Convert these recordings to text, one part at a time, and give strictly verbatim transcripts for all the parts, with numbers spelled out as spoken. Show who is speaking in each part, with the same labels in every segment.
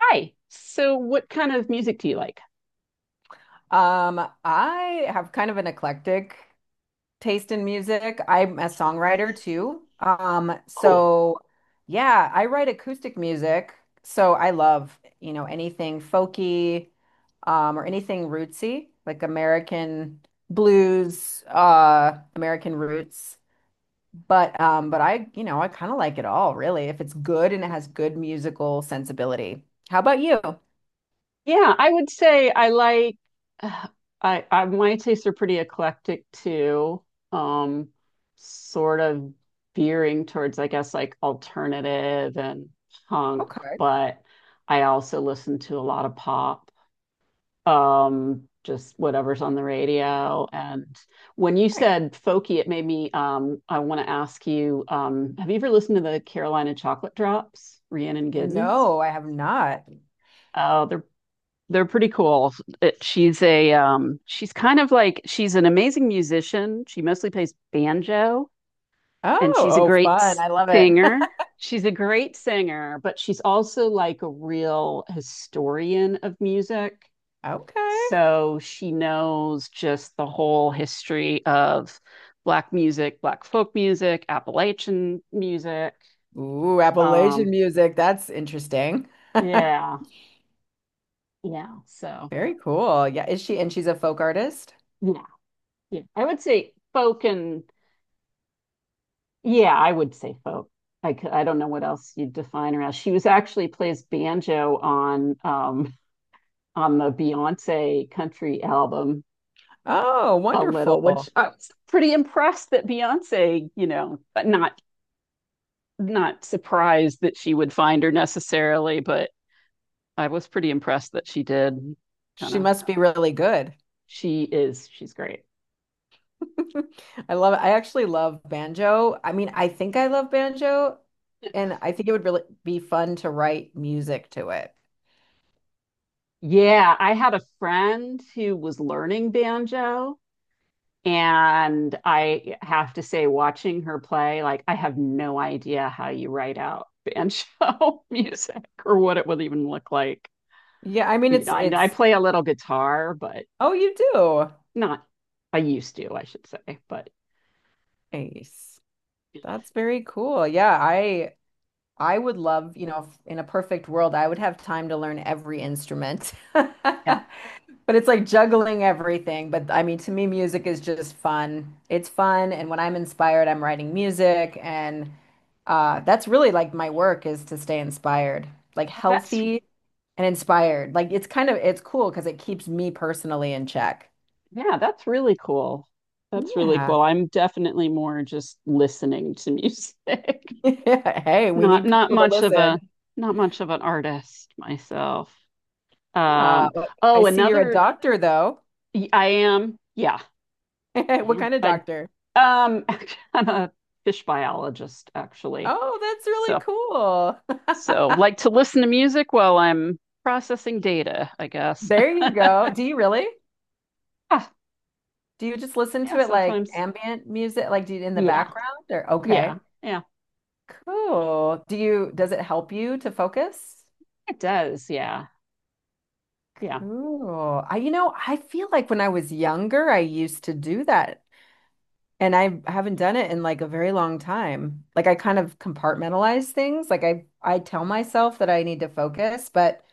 Speaker 1: Hi. So, what kind of music do you like?
Speaker 2: Um, I have kind of an eclectic taste in music. I'm a songwriter too. Um,
Speaker 1: Cool.
Speaker 2: so yeah, I write acoustic music. So I love, you know, anything folky, um, or anything rootsy, like American blues, uh, American roots. But um, but I, you know, I kind of like it all, really, if it's good and it has good musical sensibility. How about you? Okay.
Speaker 1: Yeah, I would say I like. Uh, I I my tastes are pretty eclectic too. Um, sort of veering towards, I guess, like alternative and punk,
Speaker 2: All
Speaker 1: but I also listen to a lot of pop. um just whatever's on the radio. And when you
Speaker 2: right.
Speaker 1: said folky, it made me, um I want to ask you, um have you ever listened to the Carolina Chocolate Drops? Rhiannon Giddens?
Speaker 2: No, I have not.
Speaker 1: Oh, they're they're pretty cool. It, she's a, um she's kind of like, she's an amazing musician. She mostly plays banjo,
Speaker 2: Oh,
Speaker 1: and she's a
Speaker 2: oh,
Speaker 1: great
Speaker 2: fun. I love it.
Speaker 1: singer. She's a great singer but she's also like a real historian of music.
Speaker 2: Okay.
Speaker 1: So she knows just the whole history of Black music, Black folk music, Appalachian music.
Speaker 2: Ooh, Appalachian
Speaker 1: Um,
Speaker 2: music. That's interesting.
Speaker 1: yeah, yeah. So,
Speaker 2: Very cool. Yeah, is she and she's a folk artist?
Speaker 1: yeah, yeah. I would say folk, and yeah, I would say folk. I, c- I don't know what else you'd define her as. She was actually plays banjo on um on the Beyonce country album
Speaker 2: Oh,
Speaker 1: a little, which
Speaker 2: wonderful.
Speaker 1: I was pretty impressed that Beyonce, you know, but not not surprised that she would find her necessarily, but I was pretty impressed that she did. Kind
Speaker 2: She
Speaker 1: of,
Speaker 2: must be really good.
Speaker 1: she is, she's great.
Speaker 2: I love I actually love banjo. I mean, I think I love banjo and I think it would really be fun to write music to it.
Speaker 1: Yeah, I had a friend who was learning banjo, and I have to say, watching her play, like, I have no idea how you write out banjo music or what it would even look like.
Speaker 2: Yeah, I mean
Speaker 1: You
Speaker 2: it's
Speaker 1: know, I, I
Speaker 2: it's
Speaker 1: play a little guitar, but
Speaker 2: oh, you do.
Speaker 1: not, I used to, I should say, but
Speaker 2: Nice.
Speaker 1: you know,
Speaker 2: That's very cool. Yeah, I I would love, you know, if in a perfect world, I would have time to learn every instrument.
Speaker 1: yeah,
Speaker 2: But it's like juggling everything. But I mean, to me, music is just fun. It's fun. And when I'm inspired, I'm writing music. And uh, that's really like my work is to stay inspired, like
Speaker 1: that's.
Speaker 2: healthy and inspired. Like it's kind of, it's cool because it keeps me personally in check.
Speaker 1: Yeah, that's really cool. That's really
Speaker 2: Yeah.
Speaker 1: cool. I'm definitely more just listening to music.
Speaker 2: Hey, we
Speaker 1: Not
Speaker 2: need
Speaker 1: not
Speaker 2: people to
Speaker 1: much of
Speaker 2: listen.
Speaker 1: a, not much of an artist myself.
Speaker 2: Uh,
Speaker 1: Um,
Speaker 2: I
Speaker 1: oh,
Speaker 2: see you're a
Speaker 1: another
Speaker 2: doctor, though.
Speaker 1: y- I am. Yeah.
Speaker 2: What
Speaker 1: Yeah.
Speaker 2: kind of
Speaker 1: I,
Speaker 2: doctor?
Speaker 1: um I'm a fish biologist, actually.
Speaker 2: Oh, that's really
Speaker 1: So so
Speaker 2: cool.
Speaker 1: like to listen to music while I'm processing data, I guess.
Speaker 2: There you go. Do you really?
Speaker 1: Ah,
Speaker 2: Do you just listen
Speaker 1: yeah,
Speaker 2: to it like
Speaker 1: sometimes.
Speaker 2: ambient music, like do you in the
Speaker 1: Yeah.
Speaker 2: background, or
Speaker 1: Yeah.
Speaker 2: okay.
Speaker 1: Yeah.
Speaker 2: Cool. Do you, does it help you to focus?
Speaker 1: It does. Yeah. Yeah.
Speaker 2: Cool. I, you know, I feel like when I was younger, I used to do that and I haven't done it in like a very long time. Like I, kind of compartmentalize things. Like I, I tell myself that I need to focus, but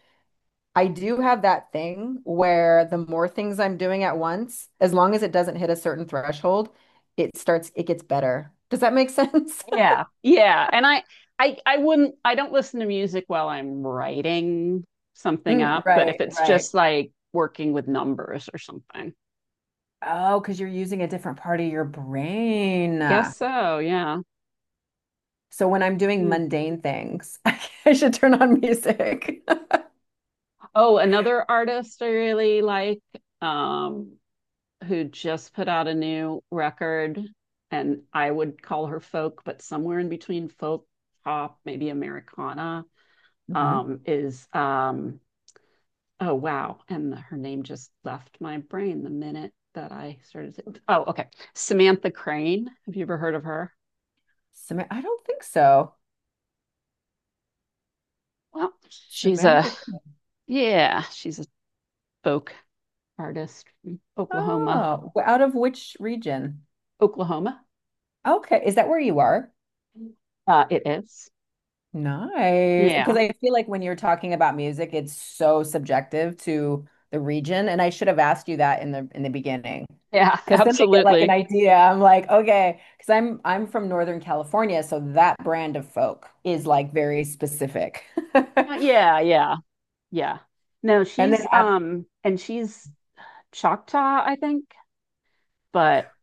Speaker 2: I do have that thing where the more things I'm doing at once, as long as it doesn't hit a certain threshold, it starts, it gets better. Does that make sense?
Speaker 1: Yeah. Yeah. And I I I wouldn't, I don't listen to music while I'm writing something
Speaker 2: Mm,
Speaker 1: up, but if
Speaker 2: right,
Speaker 1: it's
Speaker 2: right.
Speaker 1: just like working with numbers or something.
Speaker 2: Oh, because you're using a different part of your brain.
Speaker 1: Guess so, yeah.
Speaker 2: So when I'm doing
Speaker 1: Yeah.
Speaker 2: mundane things, I should turn on music.
Speaker 1: Oh, another artist I really like, um who just put out a new record, and I would call her folk, but somewhere in between folk, pop, maybe Americana,
Speaker 2: Hmm.
Speaker 1: um is, um oh wow, and her name just left my brain the minute that i started to- oh, okay, Samantha Crane. Have you ever heard of her?
Speaker 2: Sam I don't think so.
Speaker 1: Well, she's a,
Speaker 2: Samantha. Cr-
Speaker 1: yeah, she's a folk artist from Oklahoma.
Speaker 2: Oh, w- out of which region?
Speaker 1: Oklahoma.
Speaker 2: Okay. Is that where you are?
Speaker 1: Uh it is.
Speaker 2: Nice. Because
Speaker 1: Yeah,
Speaker 2: I feel like when you're talking about music, it's so subjective to the region. And I should have asked you that in the in the beginning.
Speaker 1: yeah.
Speaker 2: Because then I get like an
Speaker 1: Absolutely.
Speaker 2: idea. I'm like, okay, because I'm I'm from Northern California, so that brand of folk is like very specific.
Speaker 1: Uh, yeah yeah, yeah. No,
Speaker 2: And then,
Speaker 1: she's,
Speaker 2: ab-
Speaker 1: um and she's Choctaw, I think. But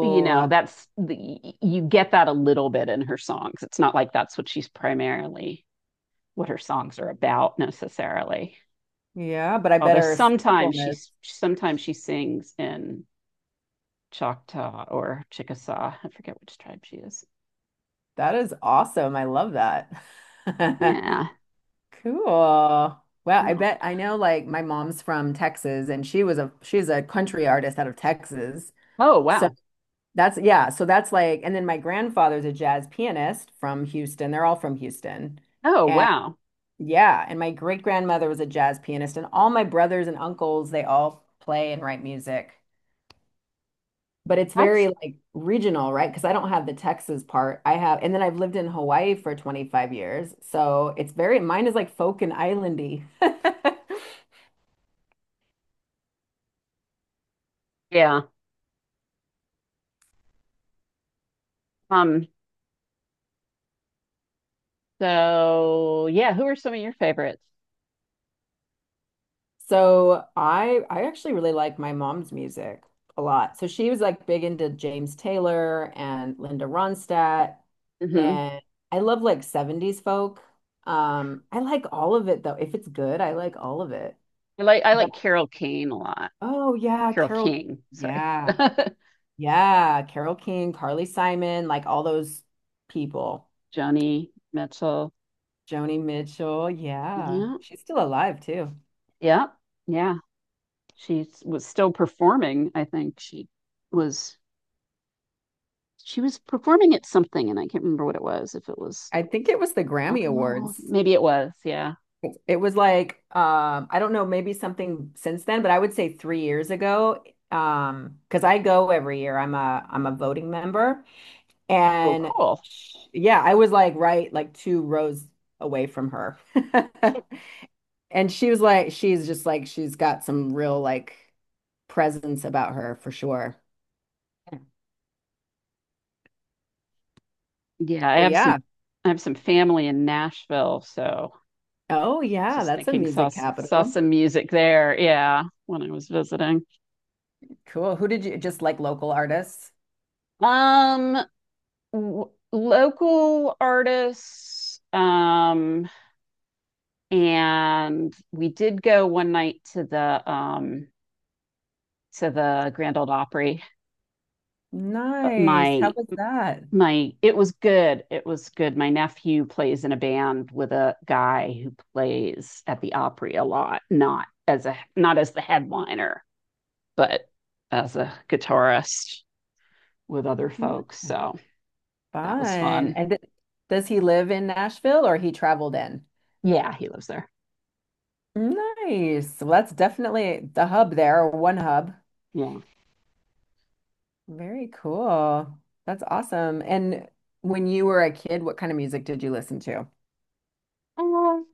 Speaker 1: you know, that's the you get that a little bit in her songs. It's not like that's what she's primarily, what her songs are about necessarily.
Speaker 2: yeah, but I
Speaker 1: Although
Speaker 2: better
Speaker 1: sometimes she
Speaker 2: sampleness.
Speaker 1: sometimes she sings in Choctaw or Chickasaw. I forget which tribe she is.
Speaker 2: That is awesome. I love that.
Speaker 1: Yeah.
Speaker 2: Cool. Wow, I
Speaker 1: Oh,
Speaker 2: bet I know like my mom's from Texas and she was a she's a country artist out of Texas.
Speaker 1: oh
Speaker 2: So
Speaker 1: wow.
Speaker 2: that's yeah, so that's like and then my grandfather's a jazz pianist from Houston. They're all from Houston.
Speaker 1: Oh
Speaker 2: And
Speaker 1: wow.
Speaker 2: yeah, and my great grandmother was a jazz pianist and all my brothers and uncles, they all play and write music. But it's very
Speaker 1: That's,
Speaker 2: like regional, right? Because I don't have the Texas part. I have and then I've lived in Hawaii for twenty-five years. So it's very mine is like folk and islandy.
Speaker 1: yeah. Um. So yeah, who are some of your favorites?
Speaker 2: So I I actually really like my mom's music a lot. So she was like big into James Taylor and Linda Ronstadt
Speaker 1: Hmm.
Speaker 2: and I love like seventies folk. Um I like all of it though. If it's good, I like all of it.
Speaker 1: I like I
Speaker 2: But
Speaker 1: like Carol Kane a lot.
Speaker 2: oh yeah,
Speaker 1: Carol
Speaker 2: Carol
Speaker 1: King, sorry.
Speaker 2: yeah. Yeah, Carol King, Carly Simon, like all those people.
Speaker 1: Joni Mitchell.
Speaker 2: Joni Mitchell, yeah.
Speaker 1: Yeah.
Speaker 2: She's still alive too.
Speaker 1: Yeah. Yeah. She was still performing. I think she was she was performing at something, and I can't remember what it was. If it was
Speaker 2: I think it was the
Speaker 1: Rock
Speaker 2: Grammy
Speaker 1: and Roll Hall of Fame,
Speaker 2: Awards.
Speaker 1: maybe it was. Yeah.
Speaker 2: It was like um, I don't know, maybe something since then, but I would say three years ago, um, because I go every year. I'm a I'm a voting member,
Speaker 1: Oh,
Speaker 2: and
Speaker 1: cool.
Speaker 2: sh yeah, I was like right like two rows away from her, and she was like, she's just like she's got some real like presence about her for sure.
Speaker 1: Yeah, I
Speaker 2: But
Speaker 1: have
Speaker 2: yeah,
Speaker 1: some I have some family in Nashville, so
Speaker 2: oh yeah,
Speaker 1: just
Speaker 2: that's a
Speaker 1: thinking,
Speaker 2: music
Speaker 1: saw saw
Speaker 2: capital.
Speaker 1: some music there, yeah, when I was visiting.
Speaker 2: Cool. Who did you just like local artists?
Speaker 1: Um w- Local artists, um and we did go one night to the, um to the Grand Old Opry. But
Speaker 2: Nice.
Speaker 1: my
Speaker 2: How was that?
Speaker 1: my it was good it was good. My nephew plays in a band with a guy who plays at the Opry a lot, not as a, not as the headliner, but as a guitarist with other folks. So that was
Speaker 2: Fun.
Speaker 1: fun.
Speaker 2: And th- does he live in Nashville or he traveled in?
Speaker 1: Yeah, he lives there.
Speaker 2: Nice. Well, that's definitely the hub there, or one hub.
Speaker 1: Yeah.
Speaker 2: Very cool. That's awesome. And when you were a kid, what kind of music did you listen to?
Speaker 1: um,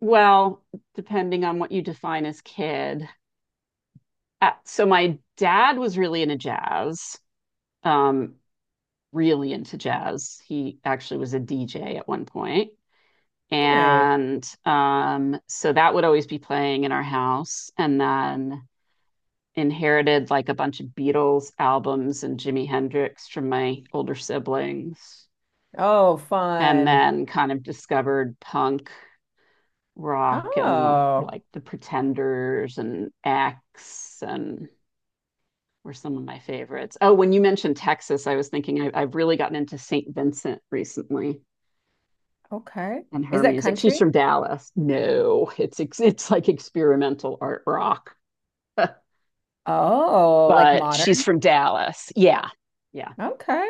Speaker 1: well depending on what you define as kid. Uh, so my dad was really into jazz, um really into jazz. He actually was a D J at one point.
Speaker 2: Nice.
Speaker 1: And um, so that would always be playing in our house. And then inherited like a bunch of Beatles albums and Jimi Hendrix from my older siblings.
Speaker 2: Oh,
Speaker 1: And
Speaker 2: fun.
Speaker 1: then kind of discovered punk rock, and
Speaker 2: Oh,
Speaker 1: like the Pretenders and X and were some of my favorites. Oh, when you mentioned Texas, I was thinking, I, I've really gotten into Saint Vincent recently.
Speaker 2: okay.
Speaker 1: And
Speaker 2: Is
Speaker 1: her
Speaker 2: that
Speaker 1: music. She's
Speaker 2: country?
Speaker 1: from Dallas. No, it's it's like experimental art rock,
Speaker 2: Oh, like
Speaker 1: but she's
Speaker 2: modern?
Speaker 1: from Dallas. Yeah, yeah,
Speaker 2: Okay.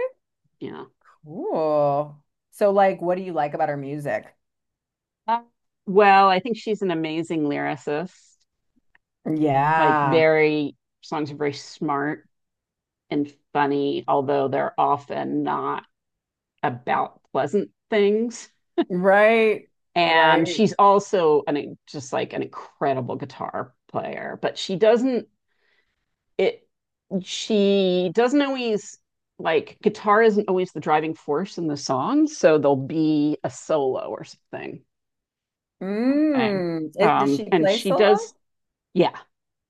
Speaker 1: yeah.
Speaker 2: Cool. So, like, what do you like about our music?
Speaker 1: Uh, well, I think she's an amazing lyricist. Like,
Speaker 2: Yeah.
Speaker 1: very, songs are very smart and funny, although they're often not about pleasant things.
Speaker 2: Right.
Speaker 1: And
Speaker 2: Right.
Speaker 1: she's also an, just like an incredible guitar player, but she doesn't, it she doesn't always, like, guitar isn't always the driving force in the song, so there'll be a solo or something kind of thing.
Speaker 2: Mm. It, does
Speaker 1: Um,
Speaker 2: she
Speaker 1: and
Speaker 2: play
Speaker 1: she
Speaker 2: solo?
Speaker 1: does, yeah,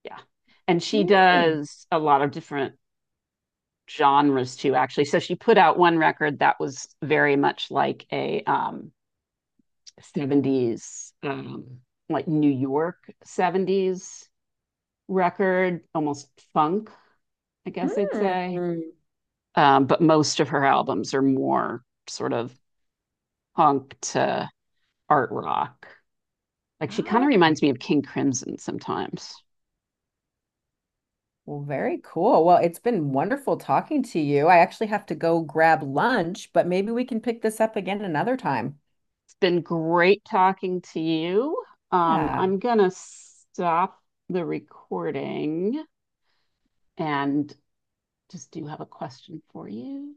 Speaker 1: yeah, and she
Speaker 2: Nice.
Speaker 1: does a lot of different genres too, actually. So she put out one record that was very much like a, um, seventies, um, like New York seventies record, almost funk, I guess I'd say.
Speaker 2: Mm.
Speaker 1: Um, but most of her albums are more sort of punk to art rock. Like, she kind
Speaker 2: Oh,
Speaker 1: of
Speaker 2: okay.
Speaker 1: reminds me of King Crimson sometimes.
Speaker 2: Well, very cool. Well, it's been wonderful talking to you. I actually have to go grab lunch, but maybe we can pick this up again another time.
Speaker 1: It's been great talking to you. Um,
Speaker 2: Yeah.
Speaker 1: I'm gonna stop the recording, and just do have a question for you.